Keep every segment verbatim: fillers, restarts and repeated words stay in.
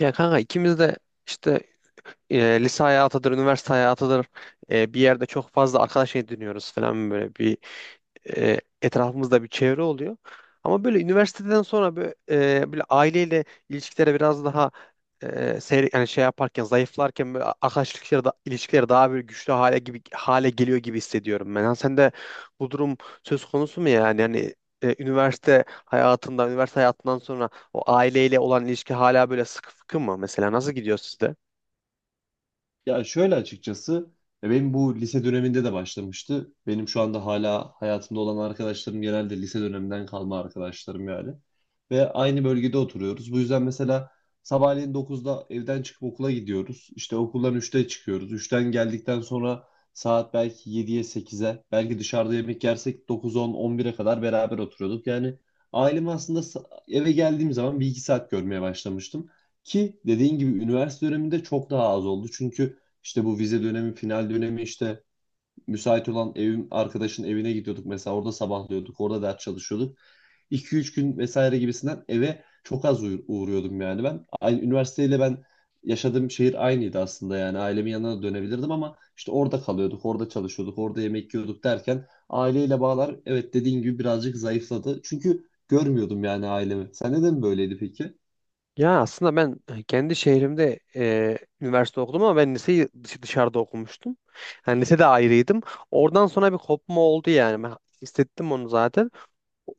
Ya kanka ikimiz de işte e, lise hayatıdır, üniversite hayatıdır. E, bir yerde çok fazla arkadaş ediniyoruz falan, böyle bir, e, etrafımızda bir çevre oluyor. Ama böyle üniversiteden sonra böyle, e, böyle aileyle ilişkilere biraz daha e, seyre- yani şey yaparken, zayıflarken, böyle arkadaş ilişkileri, da, ilişkileri daha bir güçlü hale gibi hale geliyor gibi hissediyorum ben. Yani sen de bu durum söz konusu mu yani? Yani e, üniversite hayatında, üniversite hayatından sonra o aileyle olan ilişki hala böyle sıkı fıkı mı mesela? Nasıl gidiyor sizde? Ya şöyle açıkçası ya benim bu lise döneminde de başlamıştı. Benim şu anda hala hayatımda olan arkadaşlarım genelde lise döneminden kalma arkadaşlarım yani. Ve aynı bölgede oturuyoruz. Bu yüzden mesela sabahleyin dokuzda evden çıkıp okula gidiyoruz. İşte okuldan üçte çıkıyoruz. Üçten geldikten sonra saat belki yediye sekize, belki dışarıda yemek yersek dokuz on on bire kadar beraber oturuyorduk. Yani ailemi aslında sa- eve geldiğim zaman bir iki saat görmeye başlamıştım. Ki dediğin gibi üniversite döneminde çok daha az oldu. Çünkü işte bu vize dönemi, final dönemi, işte müsait olan evim arkadaşın evine gidiyorduk mesela. Orada sabahlıyorduk, orada ders çalışıyorduk. iki üç gün vesaire gibisinden eve çok az uğ- uğruyordum yani ben. Aynı üniversiteyle ben yaşadığım şehir aynıydı aslında, yani ailemin yanına da dönebilirdim ama işte orada kalıyorduk, orada çalışıyorduk, orada yemek yiyorduk derken aileyle bağlar, evet, dediğin gibi birazcık zayıfladı. Çünkü görmüyordum yani ailemi. Sen neden böyleydi peki? Ya aslında ben e, kendi şehrimde e, üniversite okudum ama ben liseyi dış- dışarıda okumuştum. Yani lisede ayrıydım. Oradan sonra bir kopma oldu yani. Ben hissettim onu zaten.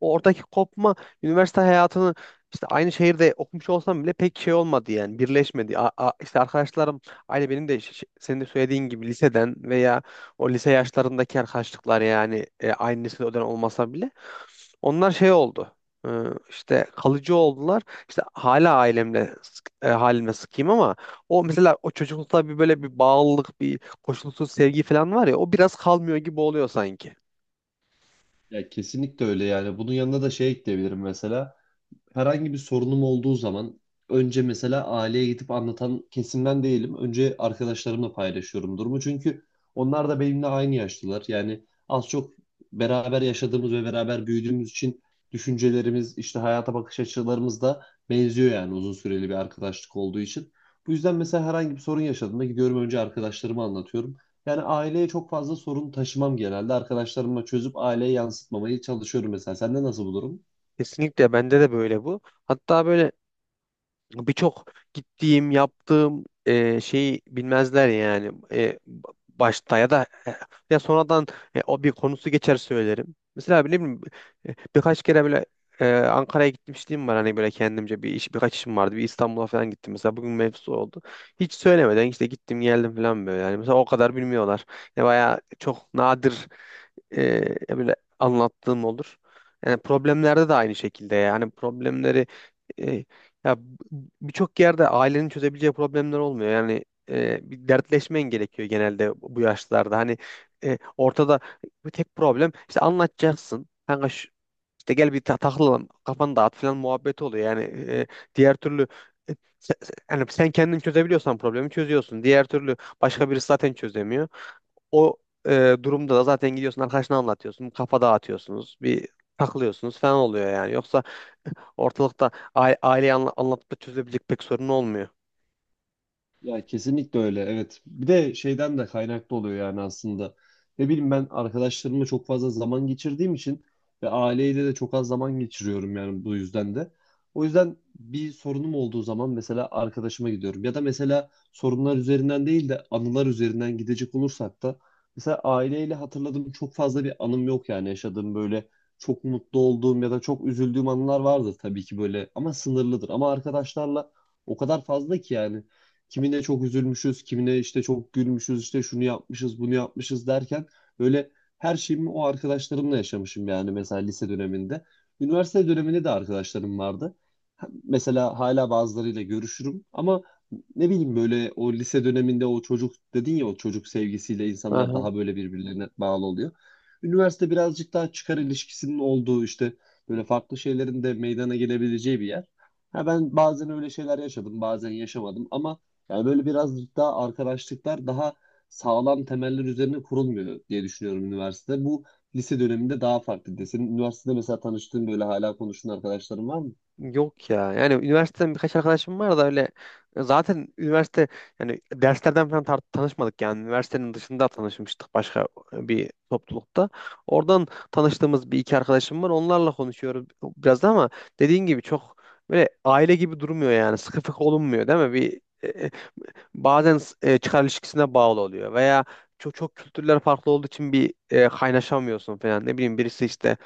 Oradaki kopma, üniversite hayatını, işte aynı şehirde okumuş olsam bile pek şey olmadı yani, birleşmedi. A, a- işte arkadaşlarım aynı benim de ş- ş- senin de söylediğin gibi liseden veya o lise yaşlarındaki arkadaşlıklar yani, e, aynı lisede o dönem olmasa bile onlar şey oldu. e, işte kalıcı oldular. İşte hala ailemle sık- e, halimle sıkayım ama o mesela, o çocuklukta bir böyle bir bağlılık, bir koşulsuz sevgi falan var ya, o biraz kalmıyor gibi oluyor sanki. Ya kesinlikle öyle yani. Bunun yanına da şey ekleyebilirim mesela. Herhangi bir sorunum olduğu zaman önce mesela aileye gidip anlatan kesimden değilim. Önce arkadaşlarımla paylaşıyorum durumu. Çünkü onlar da benimle aynı yaşlılar. Yani az çok beraber yaşadığımız ve beraber büyüdüğümüz için düşüncelerimiz, işte hayata bakış açılarımız da benziyor yani, uzun süreli bir arkadaşlık olduğu için. Bu yüzden mesela herhangi bir sorun yaşadığımda gidiyorum önce arkadaşlarıma anlatıyorum. Yani aileye çok fazla sorun taşımam genelde. Arkadaşlarıma çözüp aileye yansıtmamaya çalışıyorum mesela. Sende nasıl bu durum? Kesinlikle bende de böyle bu. Hatta böyle birçok gittiğim, yaptığım e, şeyi bilmezler yani. E, başta ya da e, ya sonradan e, o bir konusu geçer, söylerim. Mesela ne bileyim, e, birkaç kere böyle e, Ankara'ya gitmişliğim var hani, böyle kendimce bir iş, birkaç işim vardı. Bir İstanbul'a falan gittim, mesela bugün mevzu oldu. Hiç söylemeden işte gittim geldim falan, böyle yani mesela, o kadar bilmiyorlar. Yani bayağı çok nadir e, böyle anlattığım olur. Yani problemlerde de aynı şekilde, yani problemleri, e, ya b- birçok yerde ailenin çözebileceği problemler olmuyor. Yani e, bir dertleşmen gerekiyor genelde bu yaşlarda. Hani e, ortada bir tek problem, işte anlatacaksın. Kanka şu, işte gel bir ta takılalım, kafanı dağıt falan muhabbeti oluyor. Yani e, diğer türlü e, se- se- yani sen kendin çözebiliyorsan problemi çözüyorsun. Diğer türlü başka birisi zaten çözemiyor. O e, durumda da zaten gidiyorsun, arkadaşına anlatıyorsun. Kafa dağıtıyorsunuz. Bir takılıyorsunuz falan oluyor yani. Yoksa ortalıkta aile, aileyi anla- anlatıp da çözebilecek pek sorun olmuyor. Ya kesinlikle öyle, evet. Bir de şeyden de kaynaklı oluyor yani aslında. Ne bileyim, ben arkadaşlarımla çok fazla zaman geçirdiğim için ve aileyle de çok az zaman geçiriyorum yani, bu yüzden de. O yüzden bir sorunum olduğu zaman mesela arkadaşıma gidiyorum. Ya da mesela sorunlar üzerinden değil de anılar üzerinden gidecek olursak da, mesela aileyle hatırladığım çok fazla bir anım yok yani. Yaşadığım böyle çok mutlu olduğum ya da çok üzüldüğüm anılar vardır tabii ki böyle, ama sınırlıdır. Ama arkadaşlarla o kadar fazla ki yani, kimine çok üzülmüşüz, kimine işte çok gülmüşüz, işte şunu yapmışız, bunu yapmışız derken böyle her şeyimi o arkadaşlarımla yaşamışım yani, mesela lise döneminde. Üniversite döneminde de arkadaşlarım vardı. Ha- Mesela hala bazılarıyla görüşürüm ama ne bileyim böyle, o lise döneminde o çocuk dedin ya, o çocuk sevgisiyle insanlar Aha. daha böyle birbirlerine bağlı oluyor. Üniversite birazcık daha çıkar ilişkisinin olduğu, işte böyle farklı şeylerin de meydana gelebileceği bir yer. Ha, ben bazen öyle şeyler yaşadım, bazen yaşamadım ama yani böyle biraz daha arkadaşlıklar daha sağlam temeller üzerine kurulmuyor diye düşünüyorum üniversitede. Bu lise döneminde daha farklıydı. Senin üniversitede mesela tanıştığın böyle hala konuştuğun arkadaşların var mı? Yok ya. Yani üniversiteden birkaç arkadaşım var da öyle, zaten üniversite yani derslerden falan tar- tanışmadık yani. Üniversitenin dışında tanışmıştık, başka e, bir toplulukta. Oradan tanıştığımız bir iki arkadaşım var. Onlarla konuşuyoruz biraz da, ama dediğin gibi çok böyle aile gibi durmuyor yani. Sıkı fıkı olunmuyor değil mi? Bir e, e, bazen e, çıkar ilişkisine bağlı oluyor veya çok çok kültürler farklı olduğu için bir, e, kaynaşamıyorsun falan, ne bileyim birisi işte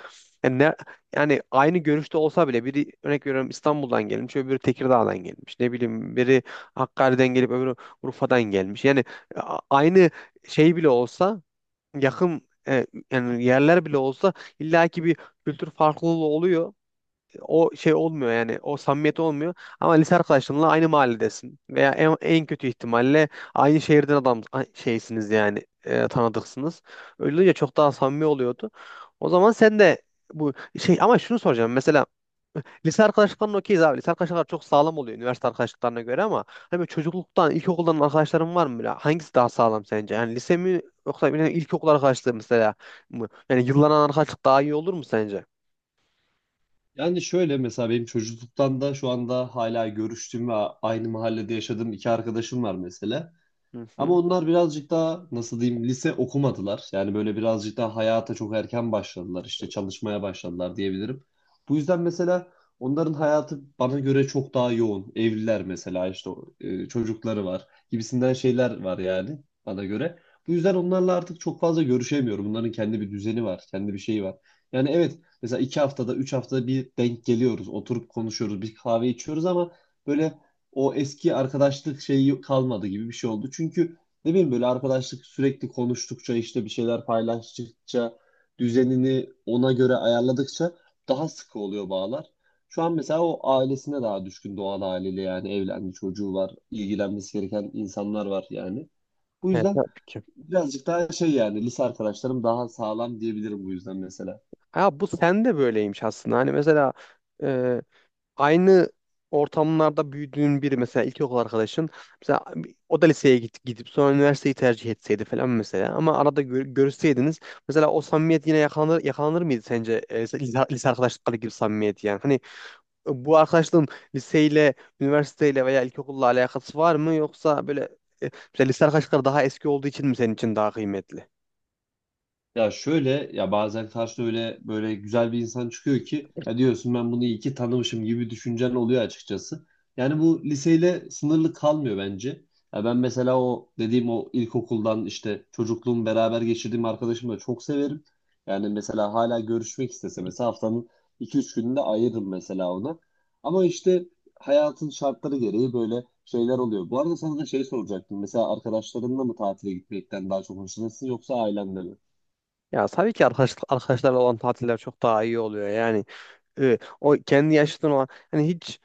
yani, ne, yani aynı görüşte olsa bile, biri örnek veriyorum İstanbul'dan gelmiş, öbürü Tekirdağ'dan gelmiş, ne bileyim biri Hakkari'den gelip öbürü Urfa'dan gelmiş, yani e, a- aynı şey bile olsa, yakın e, yani yerler bile olsa, illaki bir kültür farklılığı oluyor, o şey olmuyor yani, o samimiyet olmuyor. Ama lise arkadaşınla aynı mahalledesin veya en, en kötü ihtimalle aynı şehirden adam a- şeysiniz yani e, tanıdıksınız. Öyle olunca çok daha samimi oluyordu. O zaman sen de bu şey, ama şunu soracağım mesela, lise arkadaşlıklarına okeyiz abi, lise arkadaşlıklar çok sağlam oluyor üniversite arkadaşlıklarına göre, ama hani böyle çocukluktan, ilkokuldan arkadaşların var mı? Böyle hangisi daha sağlam sence, yani lise mi yoksa bir ilkokul arkadaşlığı mesela mı, yani yıllanan arkadaşlık daha iyi olur mu sence? Yani şöyle, mesela benim çocukluktan da şu anda hala görüştüğüm ve aynı mahallede yaşadığım iki arkadaşım var mesela. Hı Ama hı. onlar birazcık daha nasıl diyeyim, lise okumadılar. Yani böyle birazcık daha hayata çok erken başladılar. İşte çalışmaya başladılar diyebilirim. Bu yüzden mesela onların hayatı bana göre çok daha yoğun. Evliler mesela, işte e, çocukları var gibisinden şeyler var yani, bana göre. Bu yüzden onlarla artık çok fazla görüşemiyorum. Bunların kendi bir düzeni var, kendi bir şeyi var. Yani evet, mesela iki haftada, üç haftada bir denk geliyoruz. Oturup konuşuyoruz, bir kahve içiyoruz ama böyle o eski arkadaşlık şeyi kalmadı gibi bir şey oldu. Çünkü ne bileyim, böyle arkadaşlık sürekli konuştukça, işte bir şeyler paylaştıkça, düzenini ona göre ayarladıkça daha sıkı oluyor bağlar. Şu an mesela o ailesine daha düşkün Doğan haliyle, yani evlendi, çocuğu var, ilgilenmesi gereken insanlar var yani. Bu Evet, yüzden tabii ki. birazcık daha şey, yani lise arkadaşlarım daha sağlam diyebilirim bu yüzden mesela. Ha, bu sen de böyleymiş aslında. Hani mesela e, aynı ortamlarda büyüdüğün biri mesela, ilkokul arkadaşın mesela, o da liseye git, gidip sonra üniversiteyi tercih etseydi falan mesela, ama arada gör, görüşseydiniz mesela, o samimiyet yine yakalanır yakalanır mıydı sence? E, lise, lise arkadaşlıkları gibi samimiyet yani? Hani e, bu arkadaşlığın liseyle, üniversiteyle veya ilkokulla alakası var mı, yoksa böyle e, mesela lise arkadaşlıkları daha eski olduğu için mi senin için daha kıymetli? Ya şöyle, ya bazen karşına öyle böyle güzel bir insan çıkıyor ki, ya diyorsun ben bunu iyi ki tanımışım gibi düşüncen oluyor açıkçası. Yani bu liseyle sınırlı kalmıyor bence. Ya ben mesela o dediğim, o ilkokuldan işte çocukluğum beraber geçirdiğim arkadaşımı da çok severim. Yani mesela hala görüşmek istese mesela haftanın iki üç gününde ayırırım mesela ona. Ama işte hayatın şartları gereği böyle şeyler oluyor. Bu arada sana da şey soracaktım. Mesela arkadaşlarınla mı tatile gitmekten daha çok hoşlanırsın yoksa ailenle mi? Ya tabii ki arkadaş, arkadaşlarla olan tatiller çok daha iyi oluyor yani. E, o kendi yaşıtın olan, hani hiç,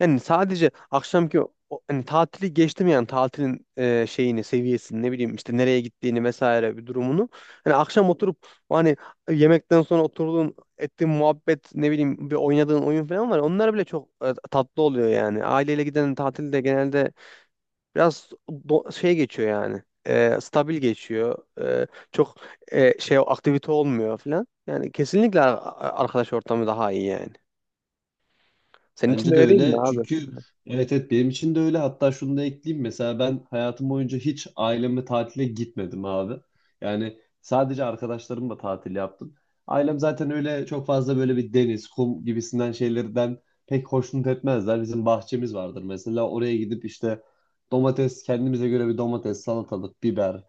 yani sadece akşamki o- hani tatili geçtim, yani tatilin e, şeyini, seviyesini, ne bileyim işte nereye gittiğini vesaire bir durumunu, hani akşam oturup, o hani yemekten sonra oturduğun ettiğin muhabbet, ne bileyim bir oynadığın oyun falan var, onlar bile çok e, tatlı oluyor yani. Aileyle giden tatilde genelde biraz do- şey geçiyor yani. E, stabil geçiyor. E, çok e, şey, aktivite olmuyor falan. Yani kesinlikle ar- arkadaş ortamı daha iyi yani. Senin için de Bence de öyle değil mi öyle. abi? Çünkü evet evet, benim için de öyle. Hatta şunu da ekleyeyim. Mesela ben hayatım boyunca hiç ailemle tatile gitmedim abi. Yani sadece arkadaşlarımla tatil yaptım. Ailem zaten öyle çok fazla böyle bir deniz, kum gibisinden şeylerden pek hoşnut etmezler. Bizim bahçemiz vardır mesela. Oraya gidip işte domates, kendimize göre bir domates, salatalık, biber,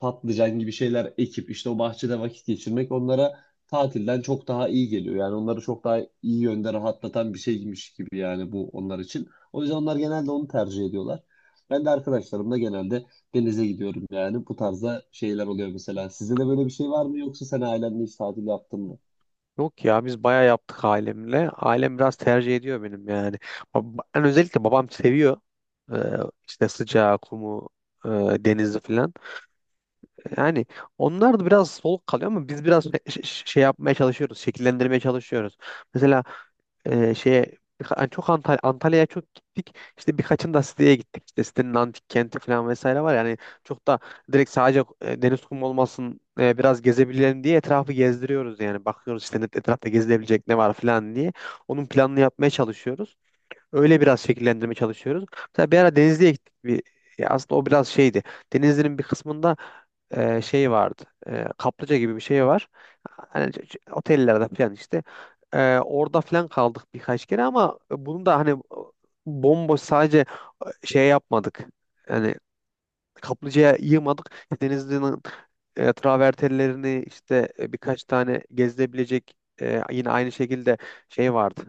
patlıcan gibi şeyler ekip işte o bahçede vakit geçirmek onlara tatilden çok daha iyi geliyor. Yani onları çok daha iyi yönde rahatlatan bir şeymiş gibi yani, bu onlar için. O yüzden onlar genelde onu tercih ediyorlar. Ben de arkadaşlarımla genelde denize gidiyorum yani. Bu tarzda şeyler oluyor mesela. Sizde de böyle bir şey var mı, yoksa sen ailenle hiç tatil yaptın mı? Yok ya, biz bayağı yaptık ailemle. Ailem biraz tercih ediyor benim yani. Bab- Ben özellikle babam seviyor. Ee, işte sıcağı, kumu, e, denizi falan. Yani onlar da biraz soluk kalıyor ama biz biraz şey şey yapmaya çalışıyoruz, şekillendirmeye çalışıyoruz. Mesela e, şeye birka- hani çok Antal- Antalya'ya çok gittik. İşte birkaçında siteye gittik. İşte sitenin antik kenti falan vesaire var. Yani çok da direkt sadece e, deniz kumu olmasın, e, biraz gezebilelim diye etrafı gezdiriyoruz yani. Bakıyoruz işte net- etrafta gezilebilecek ne var falan diye. Onun planını yapmaya çalışıyoruz. Öyle biraz şekillendirmeye çalışıyoruz. Mesela bir ara Denizli'ye gittik. Bir, ya aslında o biraz şeydi. Denizli'nin bir kısmında e, şey vardı. E, kaplıca gibi bir şey var. Hani ç- ç- otellerde falan işte. E, orada falan kaldık birkaç kere, ama bunu da hani bomboş sadece şey yapmadık. Yani kaplıcaya yığmadık. İşte Denizli'nin e, travertenlerini, işte e, birkaç tane gezilebilecek e, yine aynı şekilde şey vardı,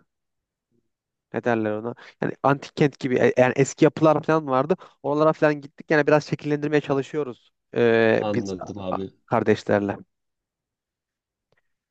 ne derler ona? Yani antik kent gibi, e, yani eski yapılar falan vardı. Oralara falan gittik. Yani biraz şekillendirmeye çalışıyoruz e, biz Anladım a- abi. kardeşlerle.